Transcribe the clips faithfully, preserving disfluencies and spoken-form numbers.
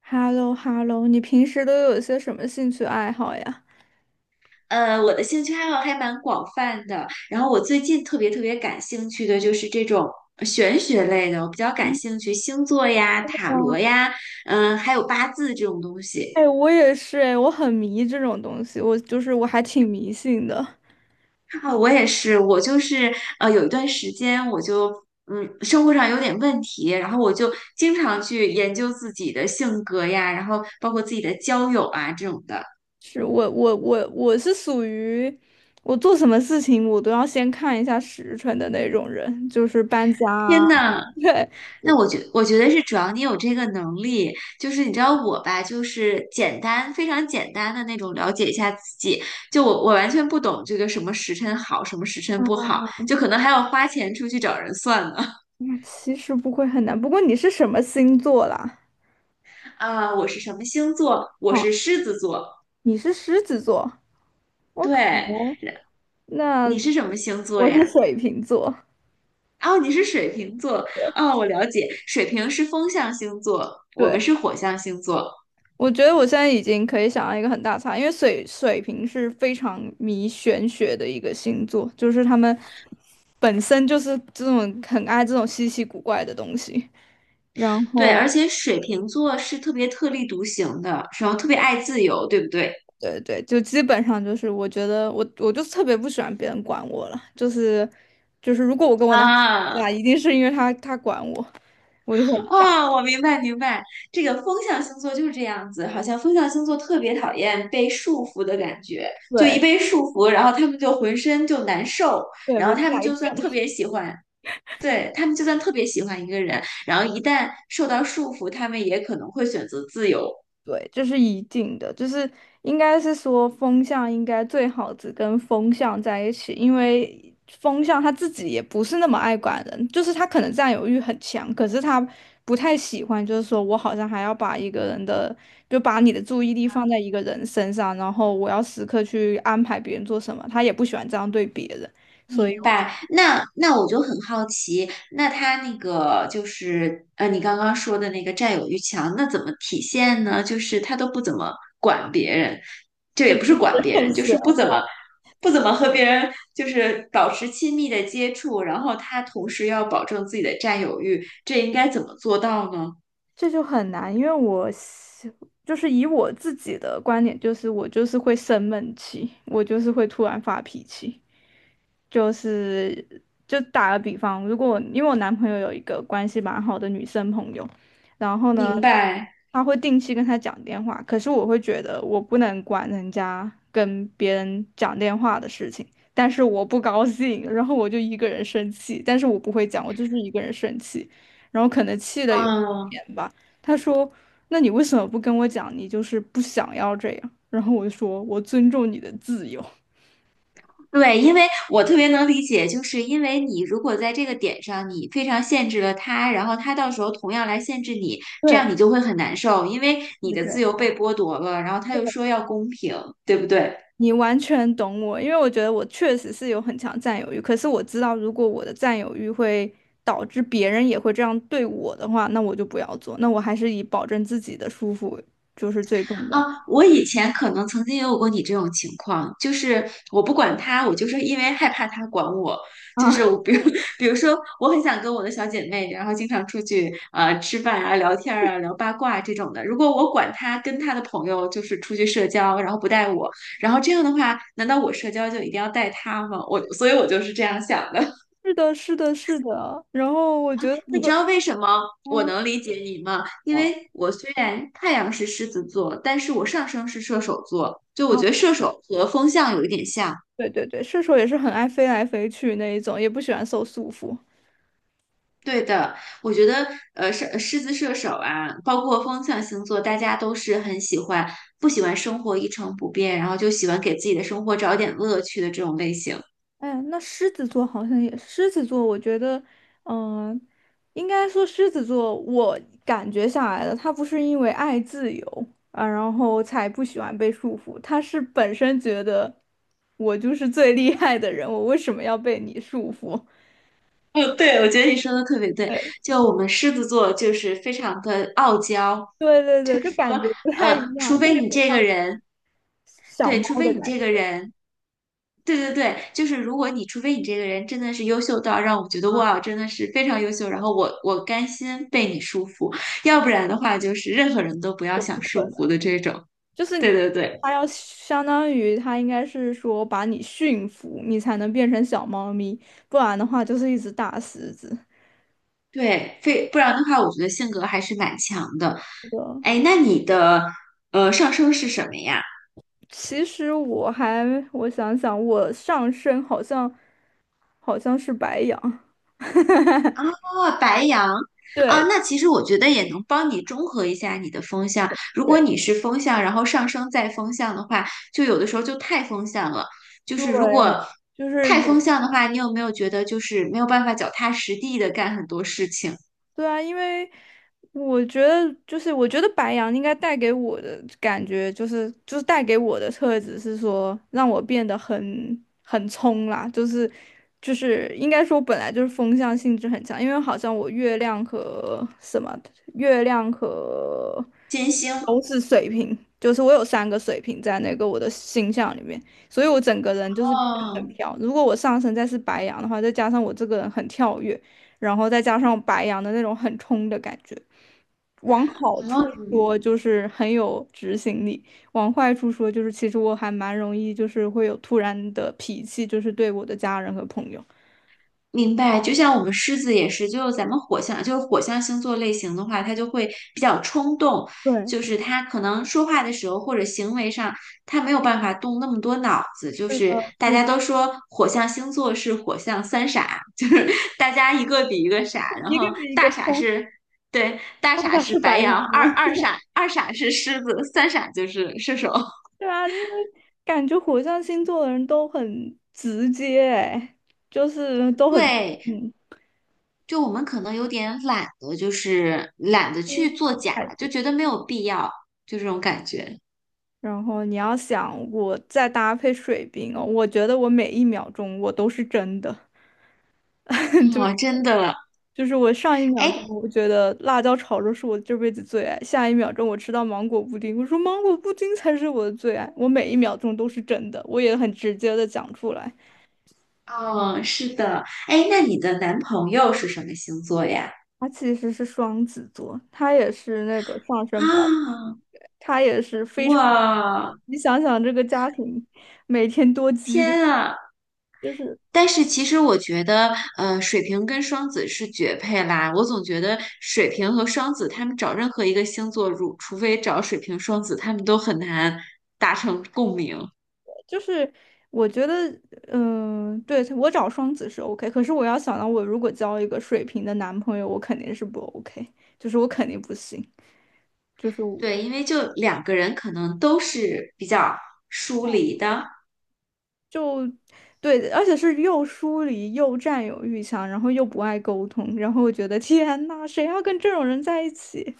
h e l l o h e l l o 你平时都有些什么兴趣爱好呀？呃，我的兴趣爱好还蛮广泛的。然后我最近特别特别感兴趣的就是这种呃玄学类的，我比较感兴趣星座呀、塔哇。罗呀，嗯、还有八字这种东西。哎，我也是，哎，我很迷这种东西，我就是我还挺迷信的。啊，我也是，我就是呃，有一段时间我就嗯，生活上有点问题，然后我就经常去研究自己的性格呀，然后包括自己的交友啊这种的。是我我我我是属于我做什么事情我都要先看一下时辰的那种人，就是搬家啊。天呐，对。那我觉我觉得是主要你有这个能力，就是你知道我吧，就是简单非常简单的那种了解一下自己，就我我完全不懂这个什么时辰好，什么时辰啊，不好，就可能还要花钱出去找人算呢。那其实不会很难。不过你是什么星座啦？啊，我是什么星座？我哦，是狮子座。你是狮子座。我 k。 对，那你是什么星座我是呀？水瓶座。哦，你是水瓶座。哦，我了解，水瓶是风象星座，我们对。是火象星座。我觉得我现在已经可以想到一个很大差，因为水水瓶是非常迷玄学的一个星座，就是他们本身就是这种很爱这种稀奇古怪的东西，然对，后而且水瓶座是特别特立独行的，然后特别爱自由，对不对？对对，就基本上就是我觉得我我就特别不喜欢别人管我了，就是就是如果我跟我男朋友啊吵架，一定是因为他他管我，我就很不想。啊！我明白明白，这个风象星座就是这样子，好像风象星座特别讨厌被束缚的感觉，就一对。被束缚，然后他们就浑身就难受，对，然我就后他们来就算特劲。别喜欢，对，他们就算特别喜欢一个人，然后一旦受到束缚，他们也可能会选择自由。对，这是一定的，就是应该是说风向应该最好只跟风向在一起，因为风向他自己也不是那么爱管人，就是他可能占有欲很强，可是他不太喜欢，就是说我好像还要把一个人的，就把你的注意力放在一个人身上，然后我要时刻去安排别人做什么，他也不喜欢这样对别人，所以明我就 白，那那我就很好奇，那他那个就是呃，你刚刚说的那个占有欲强，那怎么体现呢？就是他都不怎么管别人，这也不是管 别认人，就识。是不怎么不怎么和别人就是保持亲密的接触，然后他同时要保证自己的占有欲，这应该怎么做到呢？这就很难，因为我是就是以我自己的观点，就是我就是会生闷气，我就是会突然发脾气。就是就打个比方，如果因为我男朋友有一个关系蛮好的女生朋友，然后呢，明白，他会定期跟他讲电话，可是我会觉得我不能管人家跟别人讲电话的事情，但是我不高兴，然后我就一个人生气，但是我不会讲，我就是一个人生气，然后可能气的有一嗯，点吧，他说：那你为什么不跟我讲？你就是不想要这样？然后我就说，我尊重你的自由。对，因为我特别能理解，就是因为你如果在这个点上，你非常限制了他，然后他到时候同样来限制你，这对样你就会很难受，因为你对的对。自由被剥夺了，然后他又说要公平，对不对？你完全懂我，因为我觉得我确实是有很强占有欲，可是我知道如果我的占有欲会导致别人也会这样对我的话，那我就不要做，那我还是以保证自己的舒服就是最重啊，要。我以前可能曾经也有过你这种情况，就是我不管他，我就是因为害怕他管我，就是啊，我比如 比如说，我很想跟我的小姐妹，然后经常出去呃吃饭啊、聊天儿啊、聊八卦这种的。如果我管他跟他的朋友就是出去社交，然后不带我，然后这样的话，难道我社交就一定要带他吗？我所以我就是这样想的。是的，是的，是的。然后我觉得这你个，知道为什么我嗯。能理解你吗？因嗯。为我虽然太阳是狮子座，但是我上升是射手座，就啊，我觉得射手和风象有一点像。对对对，射手也是很爱飞来飞去那一种，也不喜欢受束缚。对的，我觉得呃，狮狮子射手啊，包括风象星座，大家都是很喜欢不喜欢生活一成不变，然后就喜欢给自己的生活找点乐趣的这种类型。哎，那狮子座好像也，狮子座，我觉得，嗯、应该说狮子座，我感觉下来的，他不是因为爱自由啊，然后才不喜欢被束缚，他是本身觉得我就是最厉害的人，我为什么要被你束缚？嗯，对，我觉得你说的特别对。就我们狮子座就是非常的傲娇，对对对，就感觉不太一呃，样，除就有非点你这像个人，小对，猫除非的你感这个人。对对对，就是如果你除非你这个人真的是优秀到让我觉得哇，真的是非常优秀，然后我我甘心被你束缚，要不然的话就是任何人都不要觉。想束缚不，的这种。就是对对对它要相当于它应该是说把你驯服，你才能变成小猫咪，不然的话就是一只大狮子。对，非不然的话，我觉得性格还是蛮强的。是的。哎，那你的呃上升是什么呀？其实我还，我想想，我上身好像好像是白羊。哦，白羊啊，对。那其实我觉得也能帮你中和一下你的风向。如果对你是风向，然后上升再风向的话，就有的时候就太风向了。就对，是如果就是太风有。向的话，你有没有觉得就是没有办法脚踏实地的干很多事情？对啊，因为我觉得就是我觉得白羊应该带给我的感觉就是就是带给我的特质是说让我变得很很冲啦，就是就是应该说本来就是风象性质很强，因为好像我月亮和什么月亮和金星，都是水瓶，就是我有三个水瓶在那个我的星象里面，所以我整个人就是变得很哦，飘。如果我上升再是白羊的话，再加上我这个人很跳跃，然后再加上白羊的那种很冲的感觉，往好处说就是很有执行力，往坏处说就是其实我还蛮容易就是会有突然的脾气，就是对我的家人和朋友。明白，就像我们狮子也是，就咱们火象，就是火象星座类型的话，它就会比较冲动，对，就是他可能说话的时候或者行为上，他没有办法动那么多脑子。就是是的，大是家都说火象星座是火象三傻，就是大家一个比一个傻，然一后个比一个大傻冲。是，对，大爸傻爸是是白白羊羊，吗？二二傻二傻是狮子，三傻就是射手。对啊，因为感觉火象星座的人都很直接，哎，就是都很对，嗯，就我们可能有点懒得，就是懒得低去做调假，太多。就觉得没有必要，就这种感觉。然后你要想，我再搭配水瓶哦，我觉得我每一秒钟我都是真的，就是哦，真的，就是我上一秒钟哎，我觉得辣椒炒肉是我这辈子最爱，下一秒钟我吃到芒果布丁，我说芒果布丁才是我的最爱，我每一秒钟都是真的，我也很直接的讲出来。哦，是的，哎，那你的男朋友是什么星座呀？他其实是双子座，他也是那个上升白。啊，他也是非常，哇，你想想这个家庭每天多激烈。天啊！就是但是其实我觉得，呃，水瓶跟双子是绝配啦。我总觉得水瓶和双子，他们找任何一个星座，如除非找水瓶、双子，他们都很难达成共鸣。就是，我觉得，嗯、对，我找双子是 OK，可是我要想到我如果交一个水瓶的男朋友，我肯定是不 OK，就是我肯定不行，就是我对，因为就两个人可能都是比较疏离的。就对，而且是又疏离又占有欲强，然后又不爱沟通，然后我觉得天呐，谁要跟这种人在一起？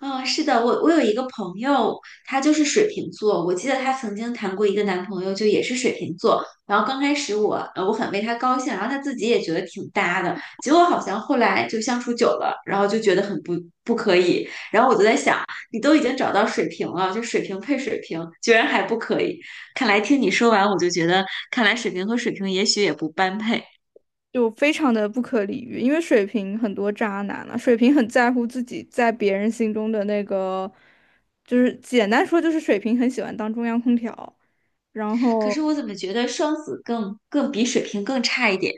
嗯，是的，我我有一个朋友，他就是水瓶座，我记得她曾经谈过一个男朋友，就也是水瓶座。然后刚开始我呃我很为他高兴，然后他自己也觉得挺搭的，结果好像后来就相处久了，然后就觉得很不不可以。然后我就在想，你都已经找到水瓶了，就水瓶配水瓶，居然还不可以？看来听你说完，我就觉得，看来水瓶和水瓶也许也不般配。就非常的不可理喻，因为水瓶很多渣男了、水瓶很在乎自己在别人心中的那个，就是简单说就是水瓶很喜欢当中央空调。然可后是我怎么觉得双子更更比水瓶更差一点？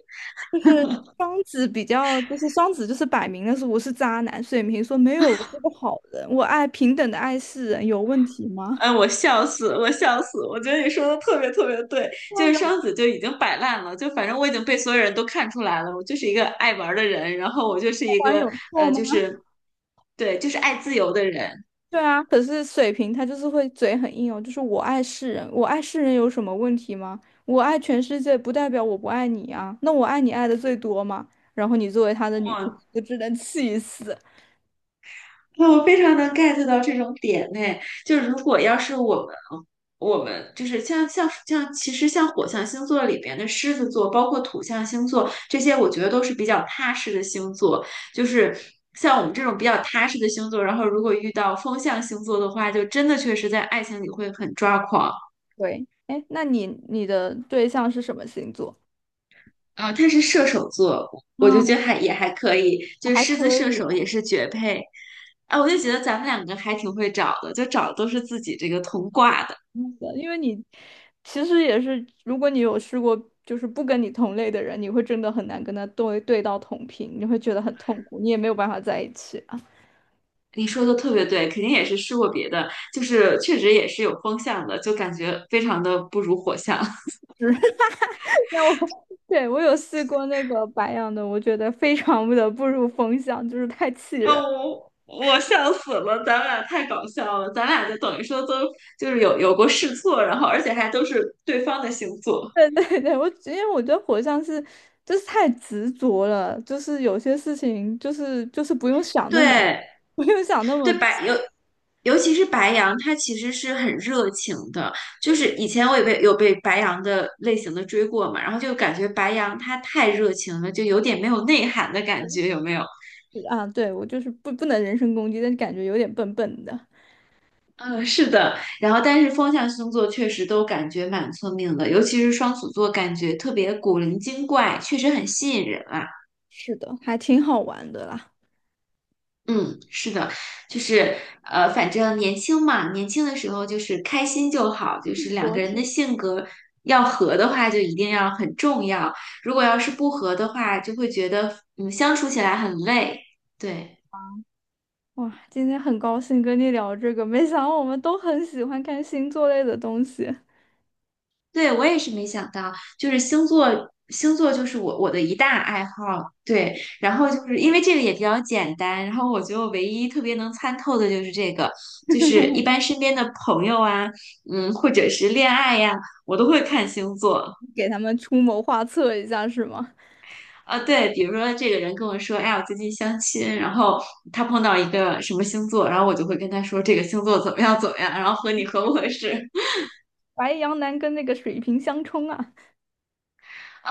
双子比较就是双子就是摆明了是我是渣男，水瓶说没有，我是个好人，我爱平等的爱世人，有问题吗？哎，我笑死，我笑死！我觉得你说的特别特别对，就是双子就已经摆烂了，就反正我已经被所有人都看出来了，我就是一个爱玩的人，然后我就是有错一不然个有错呃，吗？就是对，就是爱自由的人。对啊，可是水瓶他就是会嘴很硬哦，就是我爱世人，我爱世人有什么问题吗？我爱全世界不代表我不爱你啊，那我爱你爱的最多嘛。然后你作为他的女朋友，就只能气死。那我非常能 get 到这种点呢，就是如果要是我们，我们就是像像像，其实像火象星座里边的狮子座，包括土象星座这些，我觉得都是比较踏实的星座。就是像我们这种比较踏实的星座，然后如果遇到风象星座的话，就真的确实在爱情里会很抓狂。对，哎，那你你的对象是什么星座？啊、他是射手座，我就觉得啊，还也还可以，就是还狮子可射以手也了。是绝配。啊，我就觉得咱们两个还挺会找的，就找的都是自己这个同挂的。嗯因为你其实也是，如果你有试过就是不跟你同类的人，你会真的很难跟他对对到同频，你会觉得很痛苦，你也没有办法在一起。啊。你说的特别对，肯定也是试过别的，就是确实也是有风向的，就感觉非常的不如火象。那我 对，我有试过那个白羊的，我觉得非常的不入风向，就是太气啊，人。我我笑死了，咱俩太搞笑了，咱俩就等于说都就是有有过试错，然后而且还都是对方的星座。对对对，我因为我觉得火象是就是太执着了，就是有些事情就是就是不用想那么对不用想那么对，白尤尤其是白羊，他其实是很热情的。就是以前我也被有被白羊的类型的追过嘛，然后就感觉白羊他太热情了，就有点没有内涵的感觉，有没有？啊，对，我就是不不能人身攻击，但是感觉有点笨笨的。嗯，是的，然后但是风象星座确实都感觉蛮聪明的，尤其是双子座，感觉特别古灵精怪，确实很吸引人啊。是的，还挺好玩的啦。嗯，是的，就是呃，反正年轻嘛，年轻的时候就是开心就好，就是两多个人的是。性格要合的话，就一定要很重要，如果要是不合的话，就会觉得嗯相处起来很累。对。哇，今天很高兴跟你聊这个，没想到我们都很喜欢看星座类的东西，对，我也是没想到，就是星座，星座就是我我的一大爱好。对，然后就是因为这个也比较简单，然后我觉得我唯一特别能参透的就是这个，就是一般身边的朋友啊，嗯，或者是恋爱呀、我都会看星座。给他们出谋划策一下是吗？啊，对，比如说这个人跟我说，哎呀，我最近相亲，然后他碰到一个什么星座，然后我就会跟他说这个星座怎么样怎么样，然后和你合不合适。白羊男跟那个水瓶相冲啊！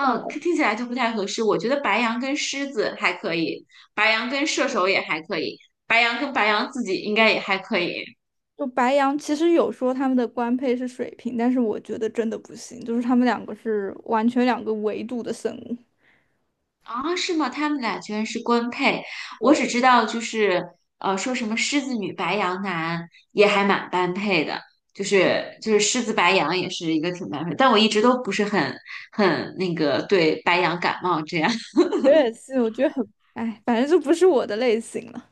笑了。听听起来就不太合适。我觉得白羊跟狮子还可以，白羊跟射手也还可以，白羊跟白羊自己应该也还可以。就白羊其实有说他们的官配是水瓶，但是我觉得真的不行，就是他们两个是完全两个维度的生物。啊，是吗？他们俩居然是官配，我对，只知道就是呃，说什么狮子女白羊男也还蛮般配的，就是就是狮子白羊也是一个挺般配，但我一直都不是很很那个对白羊感冒这样。我也是，我觉得很，哎，反正就不是我的类型了。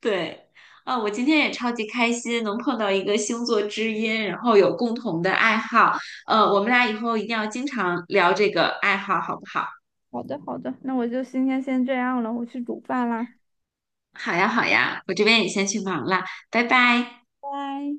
对，啊，我今天也超级开心，能碰到一个星座知音，然后有共同的爱好。呃，我们俩以后一定要经常聊这个爱好，好不好？好的，好的，那我就今天先这样了，我去煮饭啦，好呀，好呀，我这边也先去忙了，拜拜。拜拜。